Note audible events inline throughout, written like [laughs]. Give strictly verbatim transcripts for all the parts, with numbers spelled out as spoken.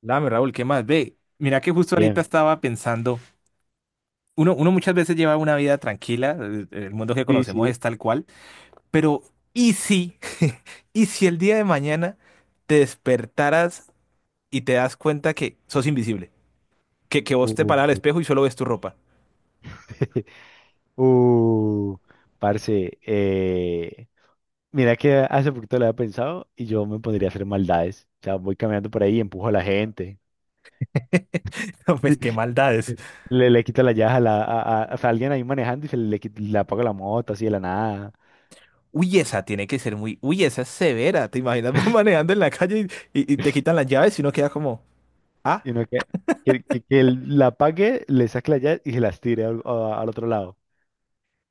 Dame, Raúl, ¿qué más? Ve, mira que justo ahorita Bien, estaba pensando, uno, uno muchas veces lleva una vida tranquila, el, el mundo que sí, conocemos es sí. tal cual, pero ¿y si, [laughs] ¿y si el día de mañana te despertaras y te das cuenta que sos invisible, que, que vos te Uh, paras al uh, espejo y solo ves tu ropa? [laughs] Uh, parce, eh, mira que hace poquito lo había pensado y yo me pondría a hacer maldades. O sea, voy caminando por ahí y empujo a la gente. [laughs] No, pues qué [laughs] maldades. Le, le quito la llaves a, la, a, a- o sea, alguien ahí manejando y se le, quita- le apago la moto así de la nada. Uy, esa tiene que ser muy, uy, esa es severa. ¿Te imaginas vos [laughs] manejando en la calle y, y- y te quitan las llaves y uno queda como, ah, Y no que, que, que, que él la apague, le saque la llave y se las tire al, a- al otro lado.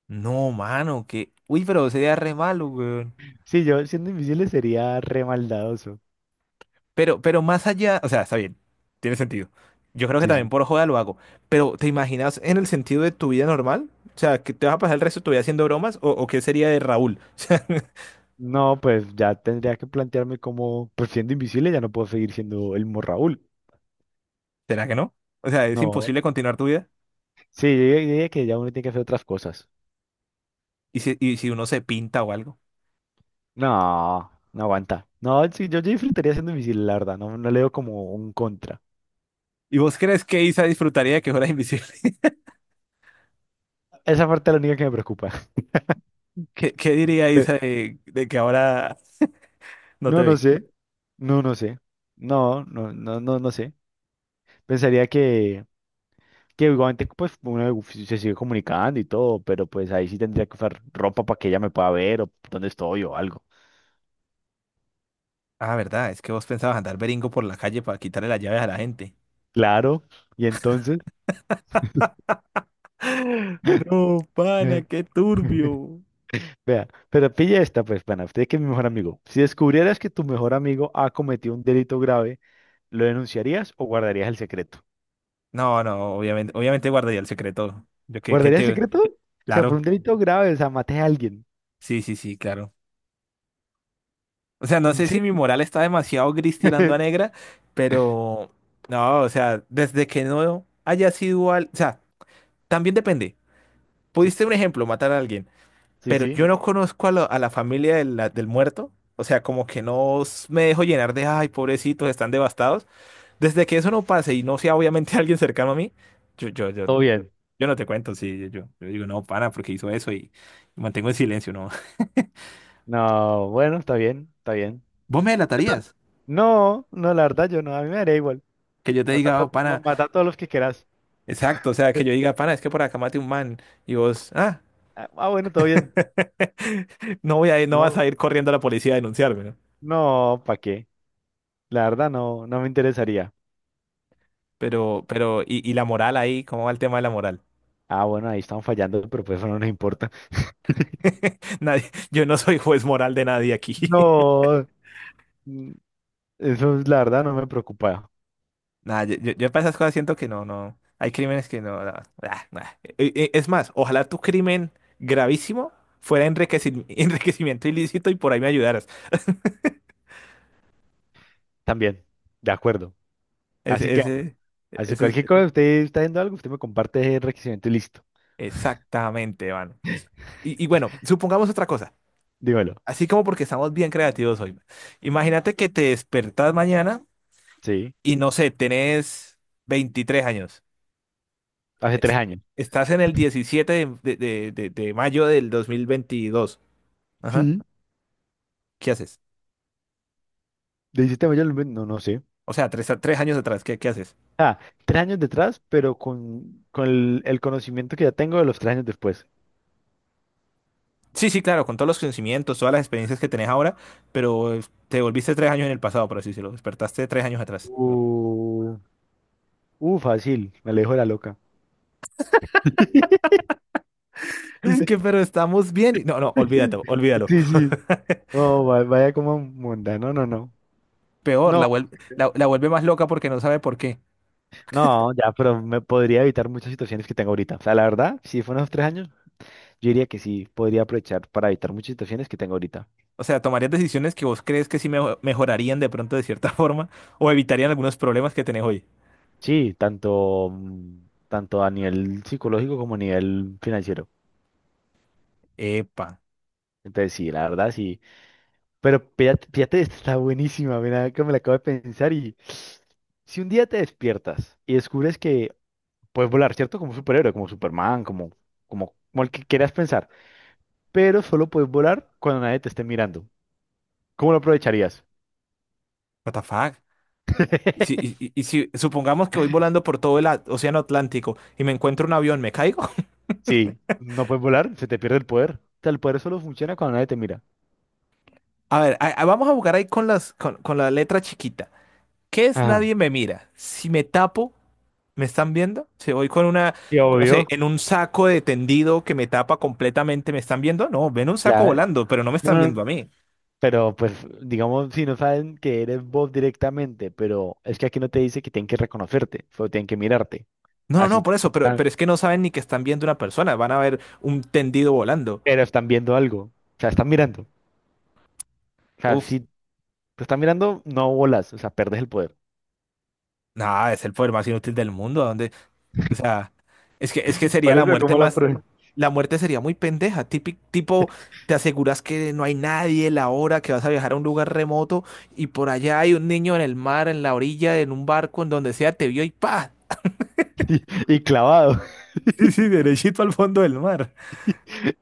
no, mano, que, uy, pero sería re malo, güey. Sí, yo siendo invisible sería re maldadoso. Pero, pero más allá, o sea, está bien, tiene sentido. Yo creo que Sí, también sí. por joda lo hago. Pero, ¿te imaginas en el sentido de tu vida normal? O sea, ¿que te vas a pasar el resto de tu vida haciendo bromas? ¿O, o qué sería de Raúl? [laughs] No, pues ya tendría que plantearme cómo, pues siendo invisible ya no puedo seguir siendo el mismo Raúl. O sea, ¿será que no? O sea, ¿es No, imposible continuar tu vida? sí, yo diría yo diría que ya uno tiene que hacer otras cosas. ¿Y si, y si uno se pinta o algo? No, no aguanta. No, sí, yo, yo disfrutaría siendo invisible, la verdad, no, no le veo como un contra. ¿Y vos crees que Isa disfrutaría de que fueras invisible? [laughs] Esa parte es la única que me preocupa. ¿Qué, qué diría [laughs] Pe- Isa de, de que ahora no te No, no ve? sé. No, no sé. No, no, no, no, no sé. Pensaría que, que igualmente pues uno se sigue comunicando y todo, pero pues ahí sí tendría que usar ropa para que ella me pueda ver o dónde estoy o algo. Ah, verdad, es que vos pensabas andar beringo por la calle para quitarle las llaves a la gente. [gasps] Claro. Y entonces, [laughs] [laughs] No, pana, qué turbio. Vea, pero pilla esta, pues, pana. Usted que es mi mejor amigo. Si descubrieras que tu mejor amigo ha cometido un delito grave, ¿lo denunciarías o guardarías el secreto? No, no, obviamente, obviamente guardaría el secreto. Yo que, que ¿Guardarías el te. secreto? O sea, por un Claro, delito grave, o sea, maté a alguien. sí, sí, sí, claro. O sea, no ¿En sé si serio? mi moral está demasiado gris tirando a [laughs] negra, pero no, o sea, desde que no haya sido al. O sea, también depende. Sí, Pudiste, un ejemplo, matar a alguien, sí, pero sí. yo no conozco a, lo- a la familia del, la- del muerto. O sea, como que no s- me dejo llenar de, ay, pobrecitos, están devastados. Desde que eso no pase y no sea obviamente [laughs] alguien cercano a mí, yo, yo, yo. Todo bien. Yo no te cuento, sí, yo, yo digo, no, pana, porque hizo eso y mantengo el silencio, ¿no? [laughs] No, bueno, está bien, está bien. Vos me Yo ta- delatarías, No, no, la verdad, yo no. A mí me daría igual. que yo te Mata a, diga, to- oh, ma- pana, mata a todos los que quieras. exacto, o sea, que yo [laughs] diga, pana, es que por acá maté un man y vos, ah, Ah, bueno, todo bien. [laughs] no voy a ir, no vas No, a ir corriendo a la policía a denunciarme, ¿no? no, ¿para qué? La verdad, no, no me interesaría. Pero, pero, y, y la moral ahí, ¿cómo va el tema de la moral? Ah, bueno, ahí están fallando, pero pues eso no nos importa. [laughs] Nadie, yo no soy juez moral de nadie aquí. No, mm, eso es la verdad, no me preocupa. Nah, yo, yo, yo para esas cosas siento que no, no. Hay crímenes que no. No, ah, nah. E- e- Es más, ojalá tu crimen gravísimo fuera enriqueci- [laughs] enriquecimiento ilícito y por ahí me ayudaras. También, de acuerdo. Así Ese, que, ese, así ese es cualquier cosa, usted está haciendo algo, usted me comparte el requisito y listo. exactamente, mano. Y, y bueno, supongamos otra cosa. Dímelo. Así como porque estamos bien creativos hoy. Imagínate que te despertás mañana Sí, y no sé, tenés veintitrés años. hace tres Es- años. Estás en el diecisiete de, de, de, de de mayo del dos mil veintidós. Ajá. Sí. ¿Qué haces? ¿De hiciste mayor? No, no sé. O sea, tres, a- tres años atrás, ¿qué, qué haces? Ah, tres años detrás, pero con, con el, el conocimiento que ya tengo de los tres años después. Sí, sí, claro, con todos los conocimientos, todas las experiencias que tenés ahora, pero eh, te volviste tres años en el pasado, por así decirlo. Despertaste tres años atrás. Uh, uh, fácil, me alejo de la loca. [laughs] Es que, pero estamos bien. Y- No, no, olvídate, olvídalo. Sí, sí. No, va- vaya como mundano, no, no. Peor, No, la vuelve, la, la vuelve más loca porque no sabe por qué. No, ya, pero me podría evitar muchas situaciones que tengo ahorita. O sea, la verdad, si fueron unos tres años, yo diría que sí, podría aprovechar para evitar muchas situaciones que tengo ahorita. O sea, tomarías decisiones que vos crees que sí mejo- mejorarían de pronto de cierta [laughs] forma o evitarían algunos problemas que tenés hoy. Sí, tanto, mm, tanto a nivel psicológico como a nivel financiero. Epa, Entonces, sí, la verdad, sí. Pero fíjate, fíjate, [laughs] esta está buenísima, mira, que me la acabo de pensar y [sniffs] si un día te despiertas y descubres que puedes volar, ¿cierto? Como un superhéroe, como Superman, como, como, como el que quieras pensar, pero solo puedes volar cuando nadie te esté mirando. ¿Cómo lo aprovecharías? what the fuck? Y si, [laughs] y- y- y si supongamos que voy volando por todo el a- océano Atlántico y me encuentro un avión, ¿me caigo? Sí, no puedes volar, se te pierde el poder. O sea, el poder solo funciona cuando nadie te mira. A ver, a- a- vamos a buscar ahí con las, con, con la letra chiquita. ¿Qué es Ajá. nadie me mira? Si me tapo, ¿me están viendo? Si voy con una, Y no sé, obvio, en un saco de tendido que me tapa completamente, ¿me están viendo? No, ven un saco claro. volando, pero no me están No, viendo no, a mí. pero pues, digamos, si no saben que eres vos directamente, pero es que aquí no te dice que tienen que reconocerte, solo tienen que mirarte. No, no, Así no, te- por eso, pero, Ah, pero es que no saben ni que están viendo una persona, van a ver un tendido volando. pero están viendo algo. O sea, están mirando. O sea, Uf, si te están mirando, no volas, o sea, perdes el poder. nada, es el poder más inútil del mundo, ¿a dónde? O sea, es que, es que sería Por la eso, muerte ¿cómo la más. prueba? [laughs] La muerte sería muy pendeja, típico, tipo, te aseguras que no hay nadie, la hora que vas a viajar a un lugar remoto y por allá hay un niño en el mar, en la orilla, en un barco, en donde sea, te vio y ¡pa! Y, y clavado. Sí, sí, derechito al fondo del mar. [laughs]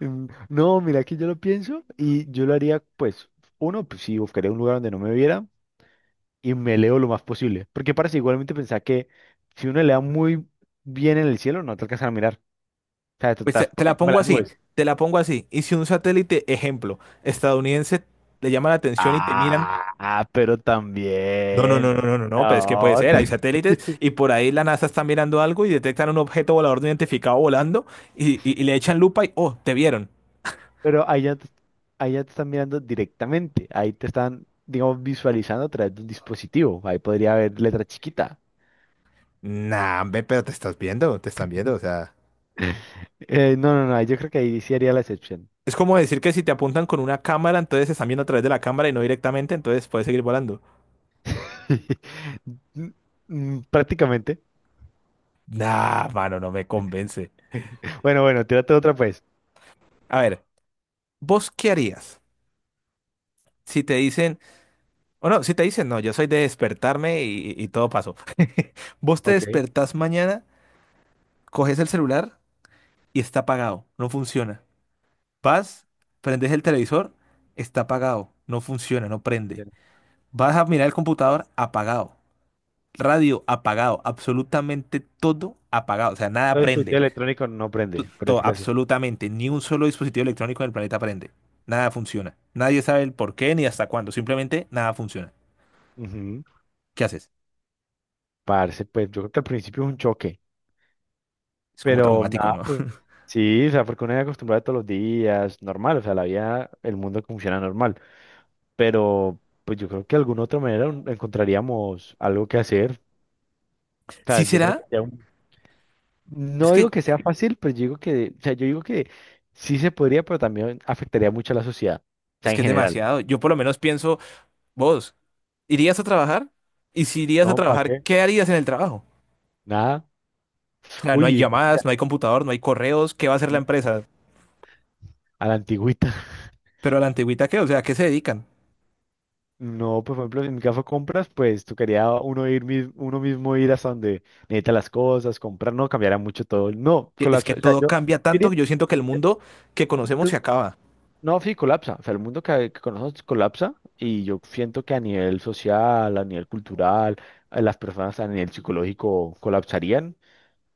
Mm, No, mira que yo lo pienso y yo lo haría, pues, uno, pues sí, buscaría un lugar donde no me viera. Y me leo lo más posible. Porque parece igualmente pensar que si uno lea muy bien en el cielo, no te alcanzan a mirar. O sea, tú Pues te, estás por te la encima de pongo las así, nubes. te la pongo así. Y si un satélite, ejemplo, estadounidense, le llama la atención y te miran. Ah, pero No, no, no, también. no, no, no, no, pero es que puede No, ser, hay [laughs] satélites y por ahí la NASA está mirando algo y detectan un objeto volador no identificado volando y, y- y le echan lupa y, oh, te vieron. pero allá, te- allá te están mirando directamente. Ahí te están, digamos, visualizando a través de un dispositivo. Ahí podría haber letra chiquita. Nah, hombre, pero te estás viendo, te están viendo, o sea. Eh, no, no, no, yo creo que ahí sí haría la excepción. Es como decir que si te apuntan con una cámara, entonces se están viendo a través de la cámara y no directamente, entonces puedes seguir volando. [laughs] Mm, Prácticamente. Nah, mano, no me convence. [laughs] Bueno, bueno, tírate otra pues. A ver, ¿vos qué harías si te dicen, o no, si te dicen, no, yo soy de despertarme y, y todo pasó. [laughs] Vos te Ok. despertás mañana, coges el celular y está apagado, no funciona. Vas, prendes el televisor, está apagado, no funciona, no prende. Vas a mirar el computador, apagado. Radio apagado, absolutamente todo apagado, o sea, nada Todo el fuiteo prende, electrónico no to- prende, por to- decirlo así. absolutamente, ni un solo dispositivo electrónico en el planeta prende, nada funciona, nadie sabe el por qué ni hasta cuándo, simplemente nada funciona. Ujú. ¿Qué haces? Parce, pues yo creo que al principio es un choque, Es como pero traumático, nada, ¿no? pues [laughs] sí, o sea, porque uno es acostumbrado todos los días, normal, o sea, la vida, el mundo funciona normal, pero pues yo creo que de alguna otra manera un- encontraríamos algo que hacer, o sea, Sí yo creo que será, ya un- es no digo que que sea fácil, pero yo digo que, o sea, yo digo que sí se podría, pero también afectaría mucho a la sociedad, o sea, es en que es general, demasiado. Yo por lo menos pienso, vos, ¿irías a trabajar? Y si irías a ¿no? ¿Para trabajar, qué? ¿qué harías en el trabajo? Nada. O sea, no hay Uy, llamadas, no hay computador, no hay correos, ¿qué va a hacer la empresa? a la antigüita. Pero a la antigüita, ¿qué? O sea, ¿a qué se dedican? No, pues, por ejemplo, en mi caso compras, pues tocaría uno ir mis- uno mismo ir hasta donde necesita las cosas, comprar, no cambiará mucho todo. No, que- Es que colapsa. O sea, todo yo cambia tanto diría, que yo siento que el mundo que conocemos se el- acaba. no, sí, colapsa. O sea, el mundo que, que conocemos colapsa y yo siento que a nivel social, a nivel cultural, a las personas a nivel psicológico colapsarían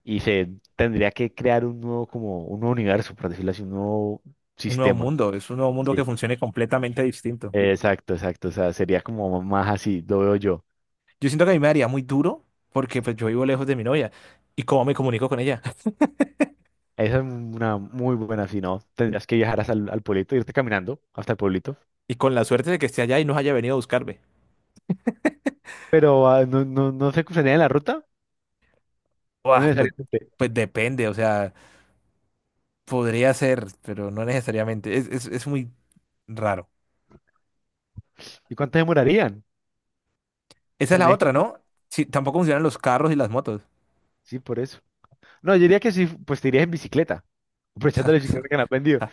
y se tendría que crear un nuevo, como un nuevo universo, por decirlo así, un nuevo Un nuevo sistema. mundo, es un nuevo mundo que Sí. funcione completamente distinto. Exacto, exacto. O sea, sería como más así, lo veo yo. Yo siento que a mí me daría muy duro porque pues yo vivo lejos de mi novia y cómo me comunico con ella [laughs] Esa es una muy buena, si no, tendrías que viajar hasta el, al pueblito, irte caminando hasta el pueblito. y con la suerte de que esté allá y no haya venido a buscarme. Pero ah, no, no, no se cruzarían en la ruta, no Buah, pues, necesariamente. pues depende, o sea, podría ser, pero no necesariamente. Es, es, es muy raro. ¿Y cuánto demorarían? Esa es la ¿Tenés que otra, hacer- ¿no? Sí, tampoco funcionan los carros y las motos. Sí, por eso. No, yo diría que sí, pues te irías en bicicleta, aprovechando la bicicleta que han [laughs] aprendido.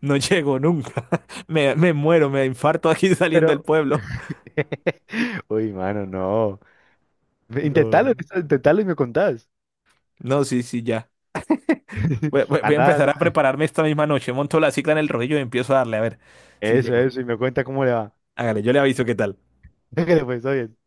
No llego nunca. [laughs] Me, me muero, me infarto aquí [laughs] saliendo del Pero, pueblo. [laughs] uy, mano, no. Intentalo, No, intentalo y me contás. no, sí, sí, ya. Voy, voy- [laughs] voy a Anda, empezar a anda. prepararme esta misma noche. Monto la cicla en el rodillo y empiezo a darle. A ver si Eso, llego. eso, y me cuenta cómo le va. Hágale, yo le aviso qué tal. [laughs] Que le fue, está bien.